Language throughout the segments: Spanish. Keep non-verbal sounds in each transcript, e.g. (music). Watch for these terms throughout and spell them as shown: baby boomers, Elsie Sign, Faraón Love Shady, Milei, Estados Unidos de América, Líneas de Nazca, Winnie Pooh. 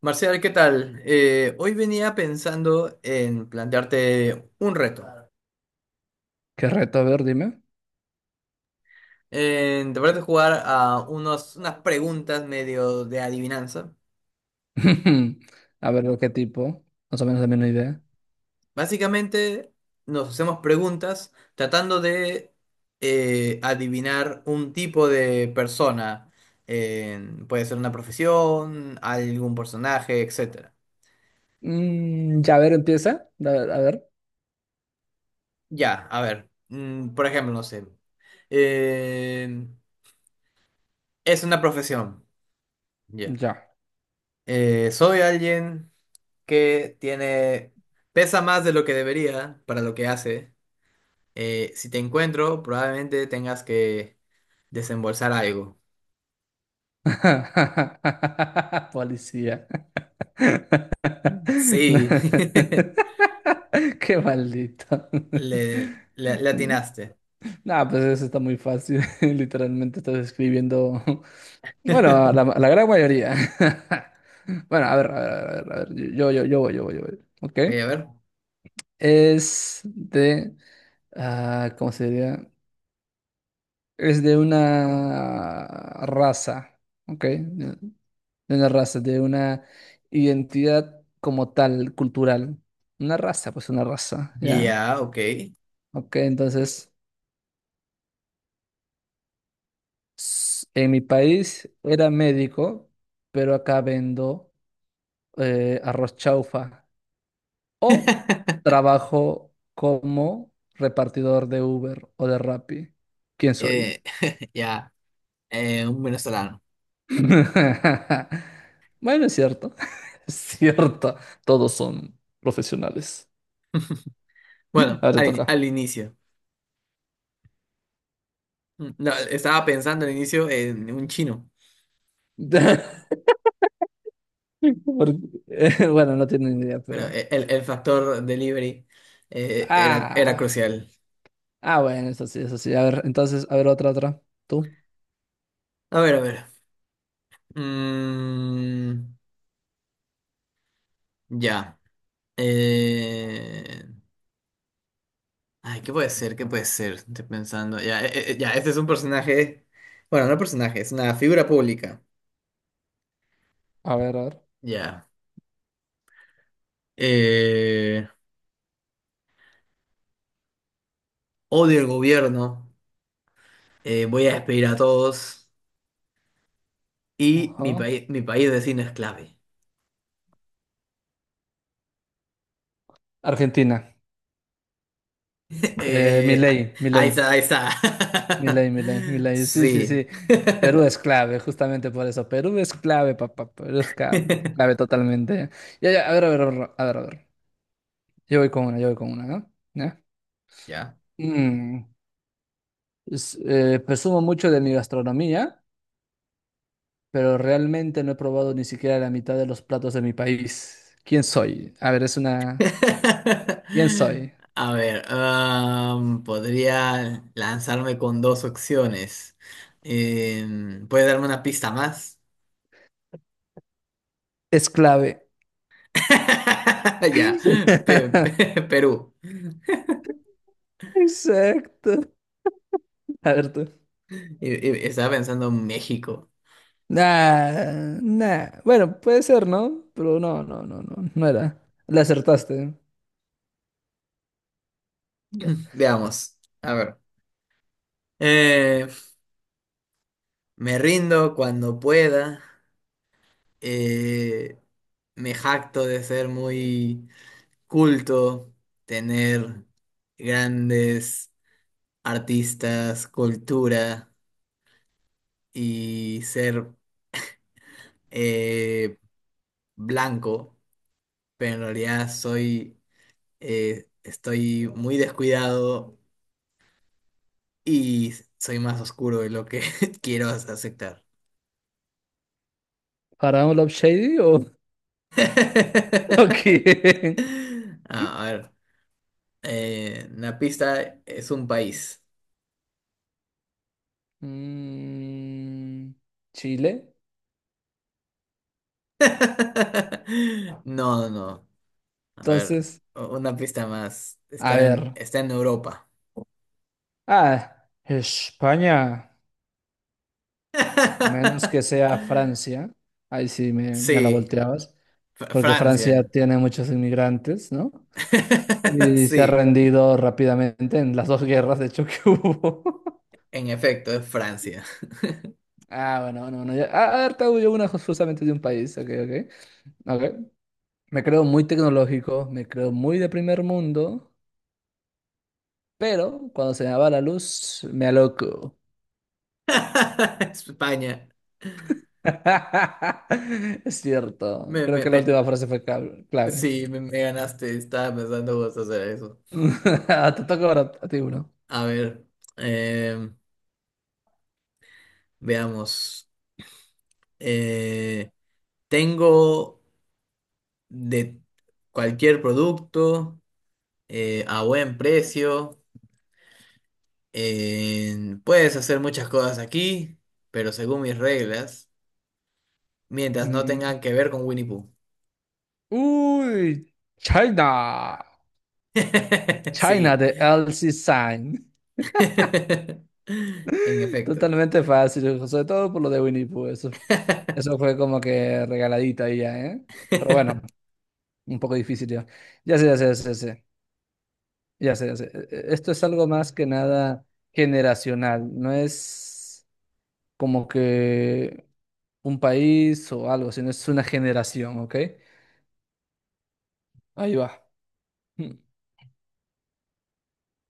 Marcial, ¿qué tal? Hoy venía pensando en plantearte un reto. ¿Qué reto? A ver, dime. En tratar de jugar a unas preguntas medio de adivinanza. (laughs) A ver, ¿de qué tipo? Más o menos también una idea. Básicamente nos hacemos preguntas tratando de adivinar un tipo de persona. Puede ser una profesión, algún personaje, etcétera. Ya, a ver, empieza. A ver, a ver. Ya, a ver. Por ejemplo, no sé. eh, es una profesión. Ya. Ya. Soy alguien que tiene, pesa más de lo que debería para lo que hace. Si te encuentro, probablemente tengas que desembolsar algo. (laughs) Policía. (laughs) No. Sí, (laughs) (laughs) Qué maldito. (laughs) le atinaste. Nah, pues eso está muy fácil. (laughs) Literalmente estás escribiendo. (laughs) Bueno, la, (laughs) la gran mayoría. (laughs) Bueno, a ver, a ver, a ver, a ver. Yo voy. ¿Ok? Ok, a ver. Es de. ¿Cómo se diría? Es de una raza, ¿ok? De una raza, de una identidad como tal, cultural. Una raza, pues una raza, ¿ya? Ya, ok. Ok, entonces, en mi país era médico, pero acá vendo arroz chaufa. O (laughs) trabajo como repartidor de Uber o de Rappi. ¿Quién soy? Eh, (laughs) ya, un venezolano. (laughs) Bueno, es cierto. (laughs) Es cierto. Todos son profesionales. Bueno, Ahora te toca. al inicio. Mm, no, estaba pensando al inicio en un chino, (laughs) Por- (laughs) bueno, no tiene ni idea, pero pero. El factor delivery era Ah. crucial. Ah, bueno, eso sí, eso sí. A ver, entonces, a ver, otra, otra. Tú. A ver, a ver. Mm, ya. Eh, Ay, ¿qué puede ser? ¿Qué puede ser? Estoy pensando. Ya, ya, este es un personaje. Bueno, no personaje, es una figura pública. A ver, a ver. Ya. Eh, Odio el gobierno. Voy a despedir a todos. Y Ajá. Mi país vecino es clave. (laughs) Argentina. Eh, ah, Milei, Ahí Milei. está, ahí está. Milei, Milei, (laughs) Milei. Sí, sí, Sí. sí. Perú es clave, justamente por eso. Perú es clave, papá. Clave, (laughs) totalmente. Ya, ya, a ver, a ver, a ver, a ver, a ver. Yo voy con una, ¿no? ¿Ya? Ya. Mm, presumo mucho de mi gastronomía, pero realmente no he probado ni siquiera la mitad de los platos de mi país. ¿Quién soy? A ver, es una... ¿Quién soy? (laughs) A ver, podría lanzarme con dos opciones. ¿Puede darme una pista más? Es clave. (laughs) Ya, (laughs) Perú. Exacto. A ver tú. Estaba pensando en México. Nah, nah. Bueno, puede ser, ¿no? Pero no, no, no, no, no era. Le acertaste. Veamos, a ver. Eh, Me rindo cuando pueda. Eh, Me jacto de ser muy culto, tener grandes artistas, cultura, y ser eh, blanco, pero en realidad soy, estoy muy descuidado y soy más oscuro de lo que (laughs) quiero aceptar. ¿Faraón Love Shady o, (laughs) o (laughs) quién? Ah, a ver, una pista es un país. Mm, Chile. (laughs) No, no, no. A ver, Entonces... una pista más. A ver. Está en Europa. Ah, España. A menos que (laughs) sea Francia. Ahí sí me la Sí, volteabas. Porque Francia Francia. tiene muchos inmigrantes, ¿no? (laughs) Y se ha Sí, rendido rápidamente en las dos guerras, de hecho, que hubo. (laughs) en efecto, es Francia. Ah, bueno, bueno, bueno. A ver, te hago yo una justamente de un país. Ok, ok. Ok. Me creo muy tecnológico, me creo muy de primer mundo, pero cuando se me va la luz, me aloco. (laughs) España. (laughs) Es cierto. Creo que la Me, última frase fue cal- clave. sí, me ganaste. Estaba pensando vos hacer eso. (laughs) Te toca ahora a ti uno. A ver, eh, veamos. Eh, Tengo de cualquier producto a buen precio. Puedes hacer muchas cosas aquí, pero según mis reglas, mientras no Mm. tengan que ver con Winnie Pooh. Uy, China. (laughs) China Sí. de Elsie Sign. (laughs) En (laughs) efecto. Totalmente fácil, sobre todo por lo de Winnie Pooh. Eso fue como que regaladita ahí ya, ¿eh? Pero bueno, (laughs) un poco difícil ya. Ya sé, ya sé, ya sé, ya sé. Ya sé, ya sé. Esto es algo más que nada generacional. No es como que un país o algo, sino es una generación, ¿ok? Ahí va. Hmm.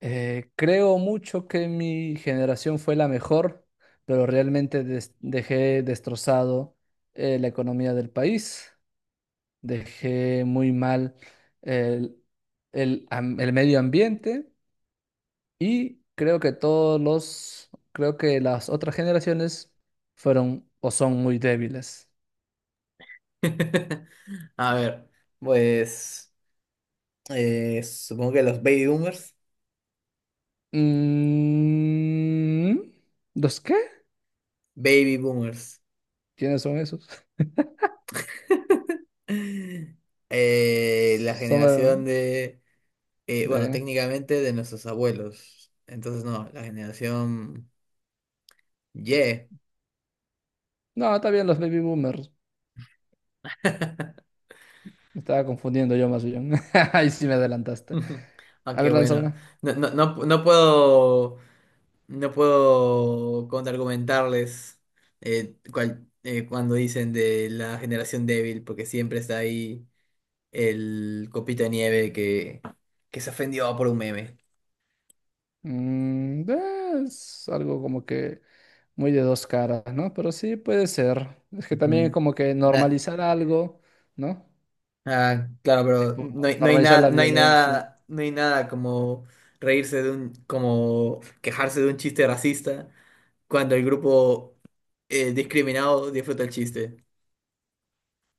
Creo mucho que mi generación fue la mejor, pero realmente dejé destrozado la economía del país, dejé muy mal el, el medio ambiente y creo que las otras generaciones fueron o son muy débiles. A ver, pues supongo que los baby boomers. Mm, ¿Los qué? Baby boomers. ¿Quiénes son esos? La generación Son de, de... bueno, de- técnicamente de nuestros abuelos. Entonces, no, la generación Y. No, está bien, los baby boomers. (laughs) Me estaba confundiendo yo más bien. (laughs) Ahí sí me adelantaste. A Aunque ver, lanza bueno, una. No puedo. No puedo contraargumentarles cuando dicen de la generación débil, porque siempre está ahí el copito de nieve que se ofendió por un meme. Es algo como que muy de dos caras, ¿no? Pero sí puede ser. Es que también Ujú. como que Na- normalizar algo, ¿no? Claro, pero Tipo, normalizar la violencia. No hay nada como reírse de como quejarse de un chiste racista cuando el grupo discriminado disfruta el chiste.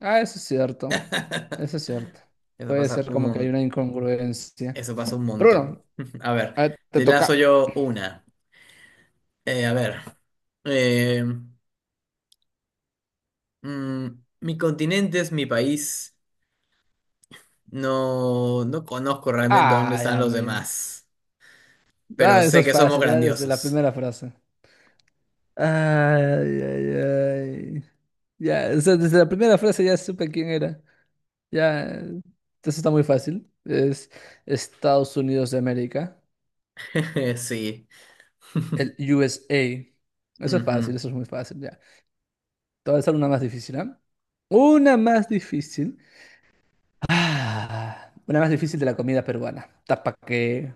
Ah, eso es cierto. (laughs) Eso es cierto. Eso Puede pasa ser un como que hay montón. una incongruencia. Eso pasa un Pero montón. bueno, (laughs) A ver, a ver, te te toca. lazo yo una. A ver. eh, mm, Mi continente es mi país. No, no conozco realmente dónde Ay, están los amigo. demás, pero Ah, eso sé es que somos fácil, ya desde la grandiosos. primera frase. Ay, ay, ay. Ya, o sea, desde la primera frase ya supe quién era. Ya, eso está muy fácil. Es Estados Unidos de América, (laughs) Sí. el (laughs) USA. Eso es fácil, Ujú. eso es muy fácil, ya. Te voy a hacer una más difícil, ¿ah? Una más difícil. Ah, una más difícil de la comida peruana. Tapa que...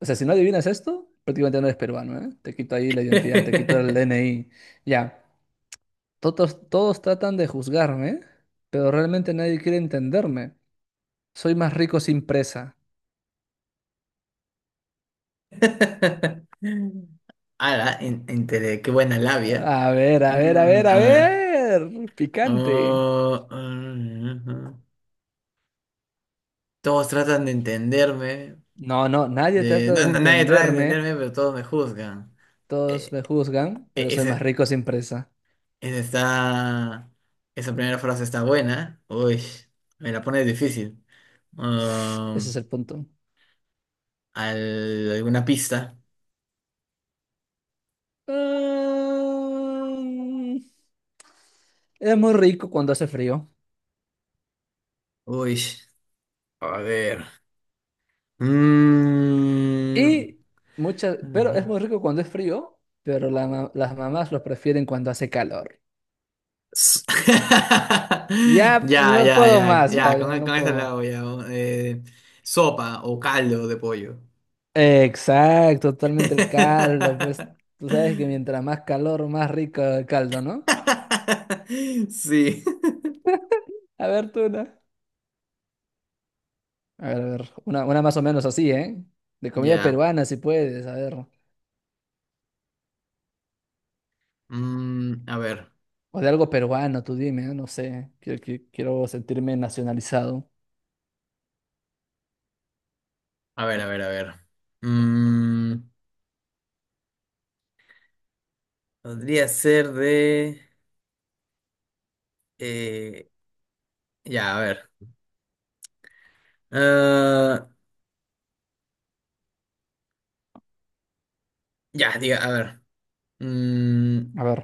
O sea, si no adivinas esto, prácticamente no eres peruano, ¿eh? Te quito ahí la identidad, te quito el DNI. Ya. Todos, todos tratan de juzgarme, pero realmente nadie quiere entenderme. Soy más rico sin presa. (laughs) Ala, qué buena labia. A ver, a ver, a ver, Mm, a a ver. ver. Picante. Oh, mm, ujú. Todos tratan de entenderme, No, no, nadie trata de Nadie trata de entenderme. entenderme, pero todos me juzgan. Todos Eh, me juzgan, eh, pero soy más ese- rico sin presa. ese está- Esa primera frase está buena. Uy, me la pone difícil. Ese es Um, el punto. ¿Alguna pista? Mm, es muy rico cuando hace frío. Uy, a ver. Mm. Y muchas, pero es muy rico cuando es frío, pero las mamás lo prefieren cuando hace calor. S- Ya (laughs) no puedo más, ya, Ya, ya no con puedo esa más. la voy a... eh, sopa o caldo de pollo. Exacto, totalmente el caldo, pues tú sabes que (laughs) mientras más calor, más rico el caldo, ¿no? (laughs) Sí. A ver, tú una. A ver, una más o menos así, ¿eh? De comida Ya. peruana, si puedes, a ver. Mm, O de algo peruano, tú dime, ¿eh? No sé, quiero sentirme nacionalizado. A ver. Mm, podría ser de... eh, ya, a ver. Ah, ya, diga, a ver. Mm, A ver.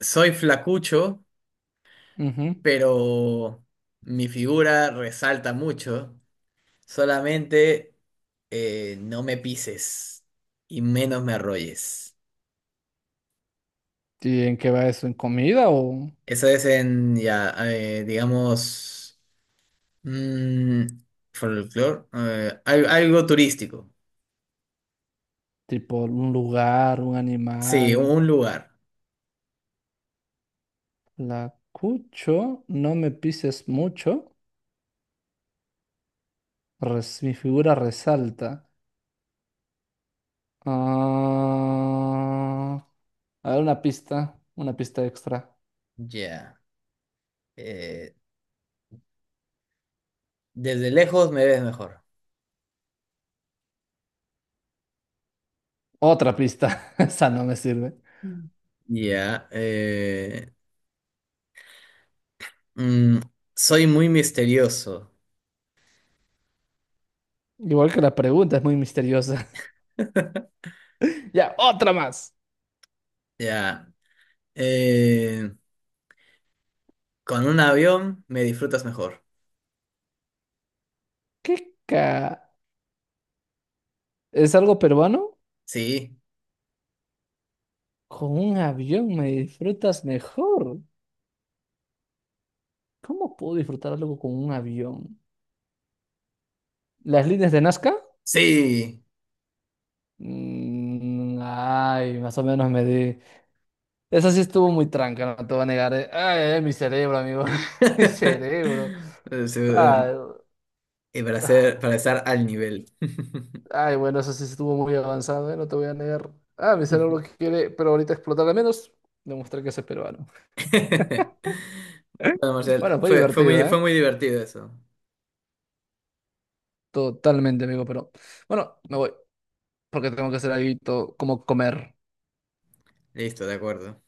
soy flacucho, Ujú. pero mi figura resalta mucho. Solamente no me pises y menos me arrolles. ¿Y en qué va eso? ¿En comida o Eso es en, ya, digamos... Mm, folclore, algo turístico. tipo un lugar, un Sí, animal? un lugar. La cucho, no me pises mucho, mi figura resalta. Ah, a ver, una pista extra. Ya. eh, Desde lejos me ves mejor. Otra pista. (laughs) Esa no me sirve. Mm. Ya. Mm, Soy muy misterioso. Igual que la pregunta, es muy misteriosa. (laughs) Ya, otra más. Ya. eh, con un avión me disfrutas mejor. ¿Qué ca... ¿Es algo peruano? Sí. Con un avión me disfrutas mejor. ¿Cómo puedo disfrutar algo con un avión? ¿Las líneas de Nazca? Sí. Mm, ay, más o menos me di. Esa sí estuvo muy tranca, no te voy a negar. Ay, ay, mi cerebro, amigo. (laughs) Mi (laughs) cerebro. Eh, sí, eh, Ay. Y para ser, para estar al nivel. (laughs) Ay, bueno, eso sí estuvo muy avanzado, ¿eh? No te voy a negar. Ah, mi cerebro que quiere, pero ahorita explotar al menos, demostrar que soy peruano. (laughs) Bueno, Marcial, Bueno, fue divertido, fue ¿eh? muy divertido eso. Totalmente, amigo, pero bueno, me voy, porque tengo que hacer algo como comer. Listo, de acuerdo.